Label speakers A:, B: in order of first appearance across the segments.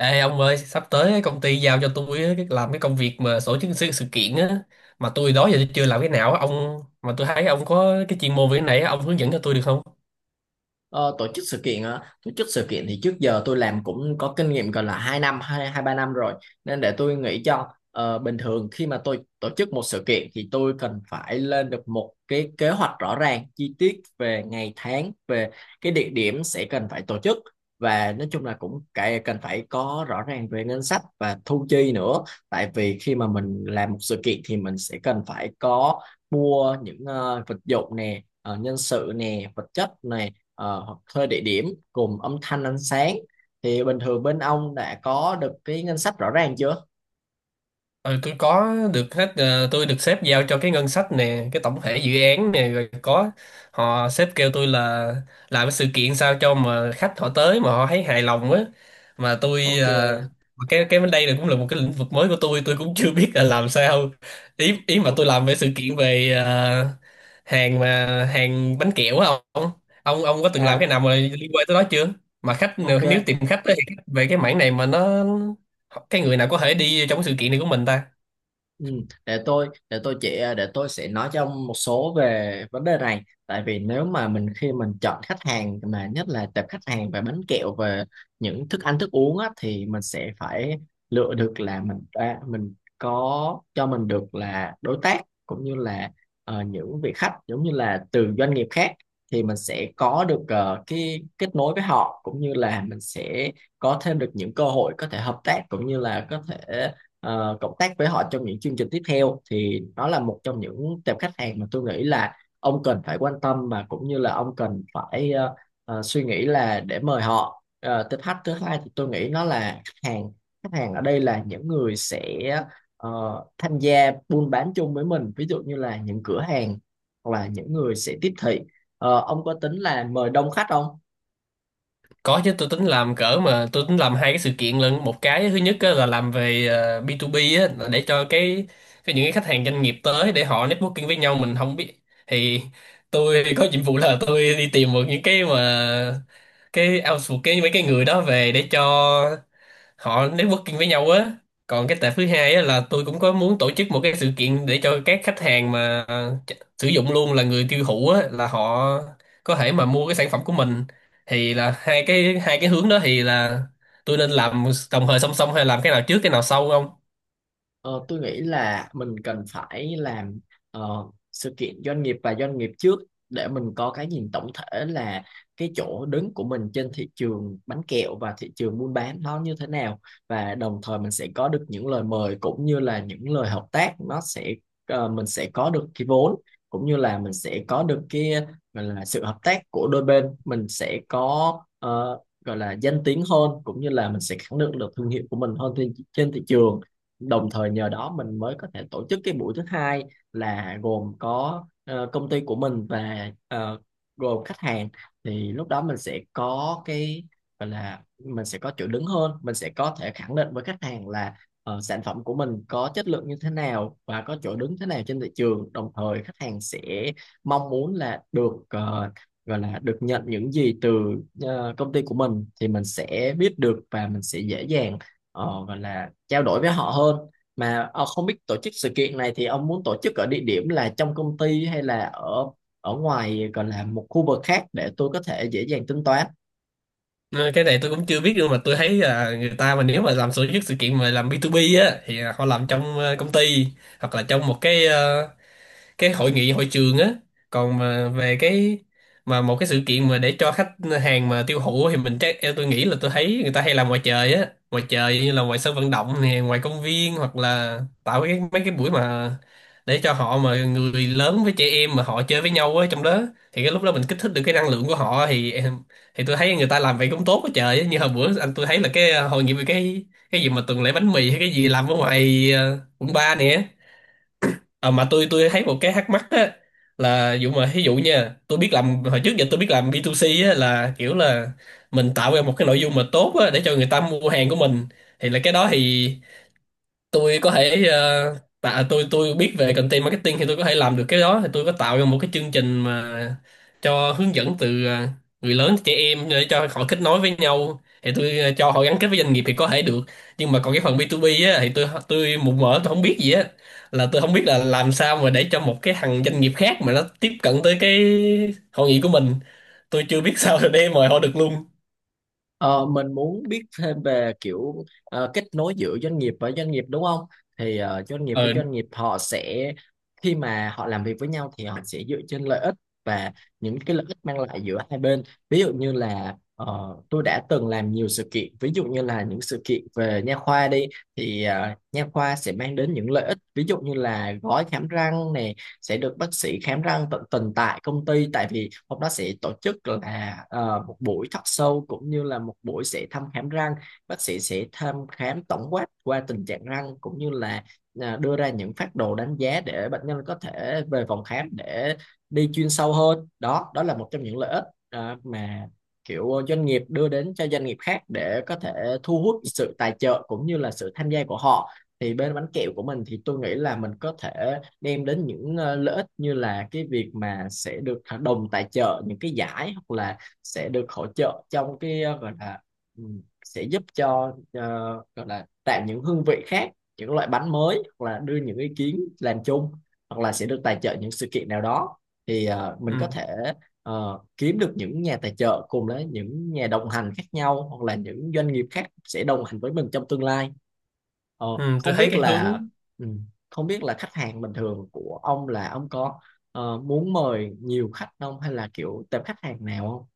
A: Ê ông ơi, sắp tới công ty giao cho tôi á, cái làm cái công việc mà tổ chức sự kiện á, mà tôi đó giờ tôi chưa làm cái nào á ông, mà tôi thấy ông có cái chuyên môn về cái này á, ông hướng dẫn cho tôi được không?
B: Ờ, tổ chức sự kiện á, tổ chức sự kiện thì trước giờ tôi làm cũng có kinh nghiệm gần là 2 năm, 2 2 3 năm rồi. Nên để tôi nghĩ cho. Ờ, Bình thường khi mà tôi tổ chức một sự kiện thì tôi cần phải lên được một cái kế hoạch rõ ràng, chi tiết về ngày tháng, về cái địa điểm sẽ cần phải tổ chức, và nói chung là cũng cái cần phải có rõ ràng về ngân sách và thu chi nữa. Tại vì khi mà mình làm một sự kiện thì mình sẽ cần phải có mua những vật dụng nè, nhân sự nè, vật chất nè, hoặc thuê địa điểm, cùng âm thanh ánh sáng, thì bình thường bên ông đã có được cái ngân sách rõ ràng chưa?
A: Ừ, tôi có được hết, tôi được sếp giao cho cái ngân sách nè, cái tổng thể dự án nè rồi. Có họ sếp kêu tôi là làm cái sự kiện sao cho mà khách họ tới mà họ thấy hài lòng á, mà
B: Ok.
A: cái bên đây này cũng là một cái lĩnh vực mới của tôi cũng chưa biết là làm sao. Ý ý mà
B: o-
A: tôi làm về sự kiện về hàng mà hàng bánh kẹo á. Ông ông ông có từng làm cái
B: à,
A: nào mà liên quan tới đó chưa mà khách?
B: ok.
A: Nếu tìm khách á, thì khách về cái mảng này mà nó, cái người nào có thể đi trong cái sự kiện này của mình ta?
B: Ừ, để tôi sẽ nói cho ông một số về vấn đề này. Tại vì nếu mà mình khi mình chọn khách hàng mà nhất là tệp khách hàng về bánh kẹo, về những thức ăn thức uống á, thì mình sẽ phải lựa được là mình có cho mình được là đối tác, cũng như là những vị khách giống như là từ doanh nghiệp khác, thì mình sẽ có được cái kết nối với họ, cũng như là mình sẽ có thêm được những cơ hội có thể hợp tác, cũng như là có thể cộng tác với họ trong những chương trình tiếp theo. Thì đó là một trong những tệp khách hàng mà tôi nghĩ là ông cần phải quan tâm, và cũng như là ông cần phải suy nghĩ là để mời họ. Ờ, tệp khách thứ hai thì tôi nghĩ nó là khách hàng. Khách hàng ở đây là những người sẽ ờ, tham gia buôn bán chung với mình, ví dụ như là những cửa hàng, hoặc là những người sẽ tiếp thị. Ờ, ông có tính là mời đông khách không?
A: Có chứ, tôi tính làm hai cái sự kiện lận. Một cái thứ nhất á, là làm về B2B á, là để cho cái những cái khách hàng doanh nghiệp tới để họ networking với nhau, mình không biết thì tôi có nhiệm vụ là tôi đi tìm một những cái mà cái outsource, cái mấy cái người đó về để cho họ networking với nhau á. Còn cái tệp thứ hai á là tôi cũng có muốn tổ chức một cái sự kiện để cho các khách hàng mà sử dụng luôn, là người tiêu thụ á, là họ có thể mà mua cái sản phẩm của mình. Thì là hai cái hướng đó thì là tôi nên làm đồng thời song song hay làm cái nào trước cái nào sau không?
B: Ờ, tôi nghĩ là mình cần phải làm ờ, sự kiện doanh nghiệp và doanh nghiệp trước, để mình có cái nhìn tổng thể là cái chỗ đứng của mình trên thị trường bánh kẹo và thị trường buôn bán nó như thế nào, và đồng thời mình sẽ có được những lời mời cũng như là những lời hợp tác. Nó sẽ mình sẽ có được cái vốn, cũng như là mình sẽ có được cái gọi là sự hợp tác của đôi bên. Mình sẽ có ờ, gọi là danh tiếng hơn, cũng như là mình sẽ khẳng định được thương hiệu của mình hơn trên thị trường. Đồng thời nhờ đó mình mới có thể tổ chức cái buổi thứ hai, là gồm có công ty của mình và gồm khách hàng. Thì lúc đó mình sẽ có cái gọi là mình sẽ có chỗ đứng hơn, mình sẽ có thể khẳng định với khách hàng là sản phẩm của mình có chất lượng như thế nào và có chỗ đứng thế nào trên thị trường. Đồng thời khách hàng sẽ mong muốn là được gọi là được nhận những gì từ công ty của mình, thì mình sẽ biết được và mình sẽ dễ dàng và là trao đổi với họ hơn. Mà không biết tổ chức sự kiện này thì ông muốn tổ chức ở địa điểm là trong công ty, hay là ở ở ngoài, còn là một khu vực khác, để tôi có thể dễ dàng tính toán.
A: Ừ, cái này tôi cũng chưa biết, nhưng mà tôi thấy là người ta mà nếu mà làm tổ chức sự kiện mà làm B2B á thì họ làm trong công ty, hoặc là trong một cái hội nghị hội trường á. Còn mà về cái, mà một cái sự kiện mà để cho khách hàng mà tiêu thụ thì mình chắc, tôi nghĩ là tôi thấy người ta hay làm ngoài trời á, ngoài trời như là ngoài sân vận động nè, ngoài công viên, hoặc là tạo cái mấy cái buổi mà để cho họ, mà người lớn với trẻ em mà họ chơi với nhau á trong đó. Thì cái lúc đó mình kích thích được cái năng lượng của họ thì tôi thấy người ta làm vậy cũng tốt quá trời á. Như hồi bữa anh tôi thấy là hội nghị về cái gì mà tuần lễ bánh mì hay cái gì làm ở ngoài quận ba nè. À, mà tôi thấy một cái thắc mắc á, là dụ mà ví dụ nha, tôi biết làm hồi trước giờ tôi biết làm B2C á, là kiểu là mình tạo ra một cái nội dung mà tốt á, để cho người ta mua hàng của mình. Thì là cái đó thì tôi có thể ờ, tạ tôi biết về content marketing thì tôi có thể làm được cái đó, thì tôi có tạo ra một cái chương trình mà cho hướng dẫn từ người lớn tới trẻ em để cho họ kết nối với nhau, thì cho họ gắn kết với doanh nghiệp thì có thể được. Nhưng mà còn cái phần B2B á thì tôi mù mờ, tôi không biết gì á, là tôi không biết là làm sao mà để cho một cái thằng doanh nghiệp khác mà nó tiếp cận tới cái hội nghị của mình. Tôi chưa biết sao để mời họ được luôn.
B: Ờ, mình muốn biết thêm về kiểu kết nối giữa doanh nghiệp và doanh nghiệp đúng không? Thì doanh nghiệp với
A: Ờ.
B: doanh nghiệp họ sẽ, khi mà họ làm việc với nhau thì họ sẽ dựa trên lợi ích, và những cái lợi ích mang lại giữa hai bên. Ví dụ như là tôi đã từng làm nhiều sự kiện, ví dụ như là những sự kiện về nha khoa đi, thì nha khoa sẽ mang đến những lợi ích, ví dụ như là gói khám răng nè, sẽ được bác sĩ khám răng tận tình tại công ty, tại vì hôm đó sẽ tổ chức là một buổi talk show cũng như là một buổi sẽ thăm khám răng. Bác sĩ sẽ thăm khám tổng quát qua tình trạng răng, cũng như là đưa ra những phác đồ đánh giá để bệnh nhân có thể về phòng khám để đi chuyên sâu hơn. Đó đó là một trong những lợi ích. À, mà kiểu doanh nghiệp đưa đến cho doanh nghiệp khác để có thể thu hút sự tài trợ cũng như là sự tham gia của họ. Thì bên bánh kẹo của mình thì tôi nghĩ là mình có thể đem đến những lợi ích, như là cái việc mà sẽ được đồng tài trợ những cái giải, hoặc là sẽ được hỗ trợ trong cái ừ, sẽ giúp cho gọi là tạo những hương vị khác, những loại bánh mới, hoặc là đưa những ý kiến làm chung, hoặc là sẽ được tài trợ những sự kiện nào đó. Thì
A: Ừ.
B: mình có thể kiếm được những nhà tài trợ cùng với những nhà đồng hành khác nhau, hoặc là những doanh nghiệp khác sẽ đồng hành với mình trong tương lai. Ờ,
A: Ừ, tôi
B: không
A: thấy
B: biết
A: cái hướng,
B: là ừ, khách hàng bình thường của ông là ông có muốn mời nhiều khách không, hay là kiểu tệp khách hàng nào không?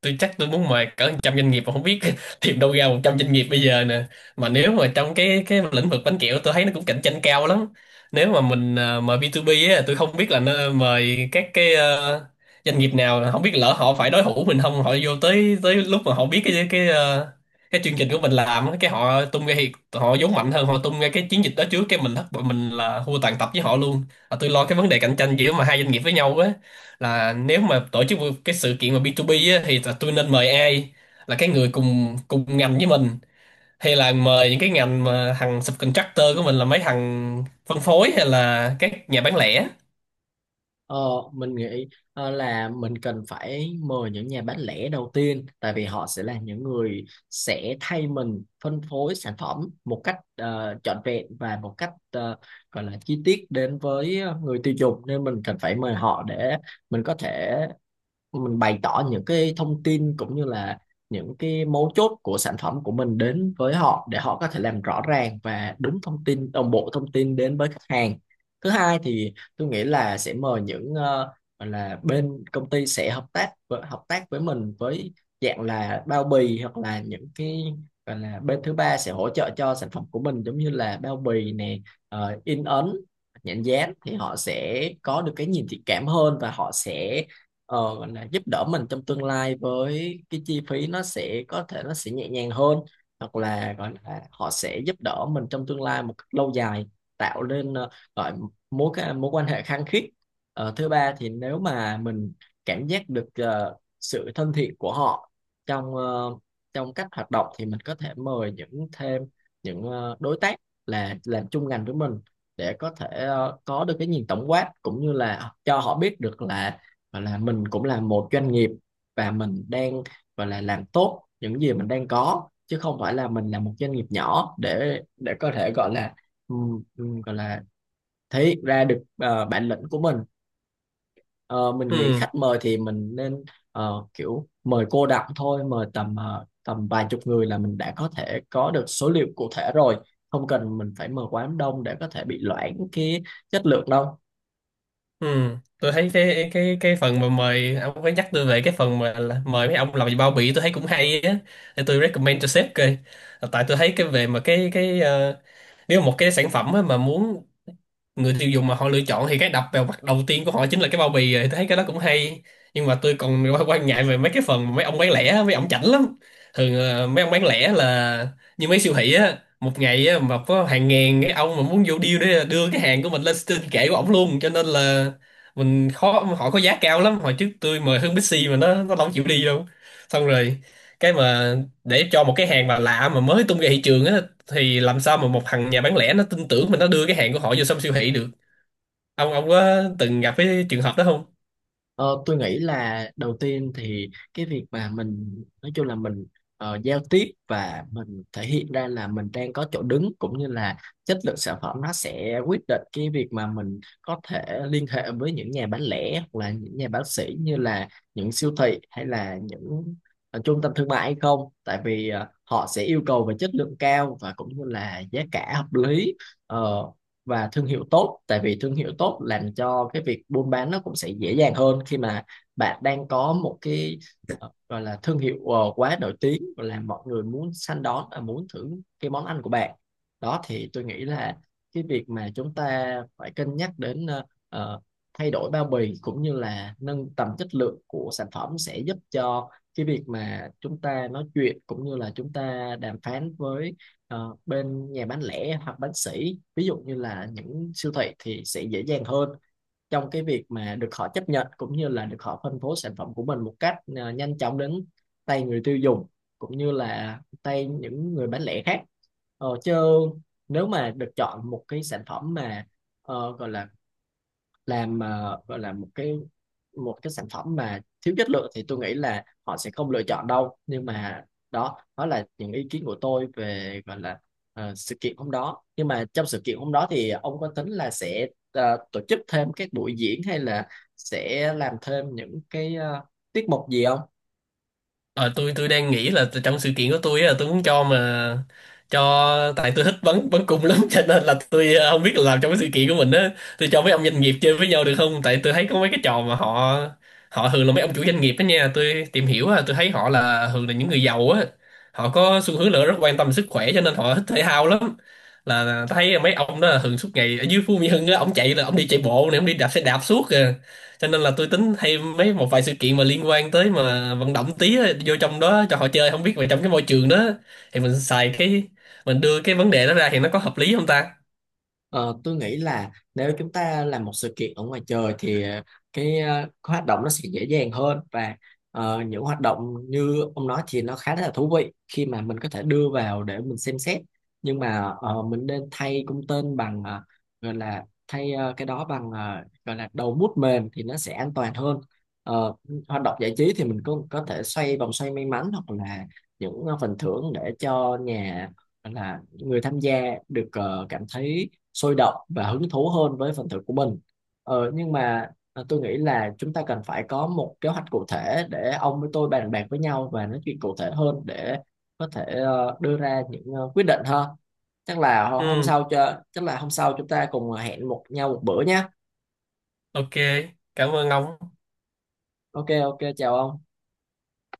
A: tôi chắc tôi muốn mời cỡ 100 doanh nghiệp mà không biết tìm đâu ra 100 doanh nghiệp bây giờ nè. Mà nếu mà trong cái lĩnh vực bánh kẹo tôi thấy nó cũng cạnh tranh cao lắm. Nếu mà mình mời B2B á, tôi không biết là nó mời các doanh nghiệp nào, không biết lỡ họ phải đối thủ mình không, họ vô tới, tới lúc mà họ biết cái chương trình của mình làm á, cái họ tung ra thì họ vốn mạnh hơn, họ tung ra cái chiến dịch đó trước, cái mình thất bại, mình là thua tàn tập với họ luôn. À, tôi lo cái vấn đề cạnh tranh giữa mà hai doanh nghiệp với nhau, là nếu mà tổ chức một cái sự kiện mà B2B á, thì là tôi nên mời ai? Là cái người cùng cùng ngành với mình, hay là mời những cái ngành mà thằng subcontractor của mình là mấy thằng phân phối, hay là các nhà bán lẻ?
B: Ờ, mình nghĩ là mình cần phải mời những nhà bán lẻ đầu tiên, tại vì họ sẽ là những người sẽ thay mình phân phối sản phẩm một cách trọn vẹn, và một cách gọi là chi tiết đến với người tiêu dùng, nên mình cần phải mời họ để mình có thể, mình bày tỏ những cái thông tin cũng như là những cái mấu chốt của sản phẩm của mình đến với họ, để họ có thể làm rõ ràng và đúng thông tin, đồng bộ thông tin đến với khách hàng. Thứ hai thì tôi nghĩ là sẽ mời những gọi là bên công ty sẽ hợp tác với mình với dạng là bao bì, hoặc là những cái gọi là bên thứ ba sẽ hỗ trợ cho sản phẩm của mình, giống như là bao bì nè, in ấn, nhãn dán, thì họ sẽ có được cái nhìn thiện cảm hơn, và họ sẽ gọi là giúp đỡ mình trong tương lai với cái chi phí nó sẽ có thể, nó sẽ nhẹ nhàng hơn, hoặc là gọi là họ sẽ giúp đỡ mình trong tương lai một cách lâu dài, tạo nên gọi mối quan hệ khăng khít. Ờ, thứ ba thì nếu mà mình cảm giác được sự thân thiện của họ trong trong cách hoạt động, thì mình có thể mời những thêm những đối tác là làm chung ngành với mình, để có thể có được cái nhìn tổng quát cũng như là cho họ biết được là và là mình cũng là một doanh nghiệp, và mình đang và là làm tốt những gì mình đang có, chứ không phải là mình là một doanh nghiệp nhỏ, để có thể gọi là thể hiện ra được bản lĩnh của mình. Ờ, mình nghĩ
A: Ừ.
B: khách mời thì mình nên kiểu mời cô đọng thôi, mời tầm tầm vài chục người là mình đã có thể có được số liệu cụ thể rồi, không cần mình phải mời quá đông để có thể bị loãng cái chất lượng đâu.
A: Ừ, tôi thấy cái phần mà mời, ông có nhắc tôi về cái phần mà là mời mấy ông làm gì bao bì tôi thấy cũng hay á, để tôi recommend cho sếp coi. Tại tôi thấy cái về mà nếu mà một cái sản phẩm á, mà muốn người tiêu dùng mà họ lựa chọn thì cái đập vào mặt đầu tiên của họ chính là cái bao bì rồi. Tôi thấy cái đó cũng hay, nhưng mà tôi còn quan quan ngại về mấy cái phần mà mấy ông bán lẻ mấy ông chảnh lắm. Thường mấy ông bán lẻ là như mấy siêu thị á, một ngày á, mà có hàng ngàn cái ông mà muốn vô deal để đưa cái hàng của mình lên trên kệ của ổng luôn, cho nên là mình khó, họ có giá cao lắm. Hồi trước tôi mời Hương Bixi mà nó không chịu đi đâu. Xong rồi cái mà để cho một cái hàng mà lạ mà mới tung ra thị trường á, thì làm sao mà một thằng nhà bán lẻ nó tin tưởng mình nó đưa cái hàng của họ vô trong siêu thị được? Ông có từng gặp cái trường hợp đó không?
B: Ờ, tôi nghĩ là đầu tiên thì cái việc mà mình nói chung là mình giao tiếp và mình thể hiện ra là mình đang có chỗ đứng, cũng như là chất lượng sản phẩm, nó sẽ quyết định cái việc mà mình có thể liên hệ với những nhà bán lẻ hoặc là những nhà bán sỉ, như là những siêu thị hay là những trung tâm thương mại hay không. Tại vì họ sẽ yêu cầu về chất lượng cao, và cũng như là giá cả hợp lý. Ờ, và thương hiệu tốt, tại vì thương hiệu tốt làm cho cái việc buôn bán nó cũng sẽ dễ dàng hơn, khi mà bạn đang có một cái gọi là thương hiệu quá nổi tiếng và làm mọi người muốn săn đón và muốn thử cái món ăn của bạn. Đó thì tôi nghĩ là cái việc mà chúng ta phải cân nhắc đến thay đổi bao bì cũng như là nâng tầm chất lượng của sản phẩm, sẽ giúp cho cái việc mà chúng ta nói chuyện cũng như là chúng ta đàm phán với. Ờ, bên nhà bán lẻ hoặc bán sỉ, ví dụ như là những siêu thị, thì sẽ dễ dàng hơn trong cái việc mà được họ chấp nhận, cũng như là được họ phân phối sản phẩm của mình một cách nhanh chóng đến tay người tiêu dùng, cũng như là tay những người bán lẻ khác. Chứ nếu mà được chọn một cái sản phẩm mà gọi là làm gọi là một cái sản phẩm mà thiếu chất lượng, thì tôi nghĩ là họ sẽ không lựa chọn đâu. Nhưng mà đó đó là những ý kiến của tôi về gọi là sự kiện hôm đó. Nhưng mà trong sự kiện hôm đó thì ông có tính là sẽ tổ chức thêm các buổi diễn hay là sẽ làm thêm những cái tiết mục gì không?
A: Ờ, tôi đang nghĩ là trong sự kiện của tôi á, là tôi muốn cho mà cho, tại tôi thích bắn bắn cung lắm cho nên là không biết là làm trong cái sự kiện của mình á, tôi cho mấy ông doanh nghiệp chơi với nhau được không? Tại tôi thấy có mấy cái trò mà họ họ thường là mấy ông chủ doanh nghiệp đó nha, tôi tìm hiểu á, tôi thấy họ là thường là những người giàu á, họ có xu hướng là rất quan tâm sức khỏe cho nên họ thích thể thao lắm. Là thấy mấy ông đó là thường suốt ngày ở dưới Phú Mỹ Hưng á, ông chạy, là ông đi chạy bộ này, ông đi đạp xe đạp suốt kìa. Cho nên là tôi tính hay mấy một vài sự kiện mà liên quan tới mà vận động tí á, vô trong đó cho họ chơi, không biết về trong cái môi trường đó thì mình xài cái, mình đưa cái vấn đề đó ra thì nó có hợp lý không ta?
B: Ờ, tôi nghĩ là nếu chúng ta làm một sự kiện ở ngoài trời thì cái hoạt động nó sẽ dễ dàng hơn, và những hoạt động như ông nói thì nó khá là thú vị khi mà mình có thể đưa vào để mình xem xét. Nhưng mà mình nên thay cung tên bằng ờ, gọi là thay ờ, cái đó bằng ờ, gọi là đầu mút mềm, thì nó sẽ an toàn hơn. Ờ, hoạt động giải trí thì mình cũng có thể xoay vòng xoay may mắn, hoặc là những phần thưởng để cho nhà gọi là người tham gia được cảm thấy sôi động và hứng thú hơn với phần thưởng của mình. Nhưng mà tôi nghĩ là chúng ta cần phải có một kế hoạch cụ thể, để ông với tôi bàn bạc với nhau và nói chuyện cụ thể hơn, để có thể đưa ra những quyết định ha.
A: Ừ.
B: Chắc là hôm sau chúng ta cùng hẹn một nhau một bữa nhé.
A: OK, cảm ơn ông.
B: Ok. Ok, chào ông.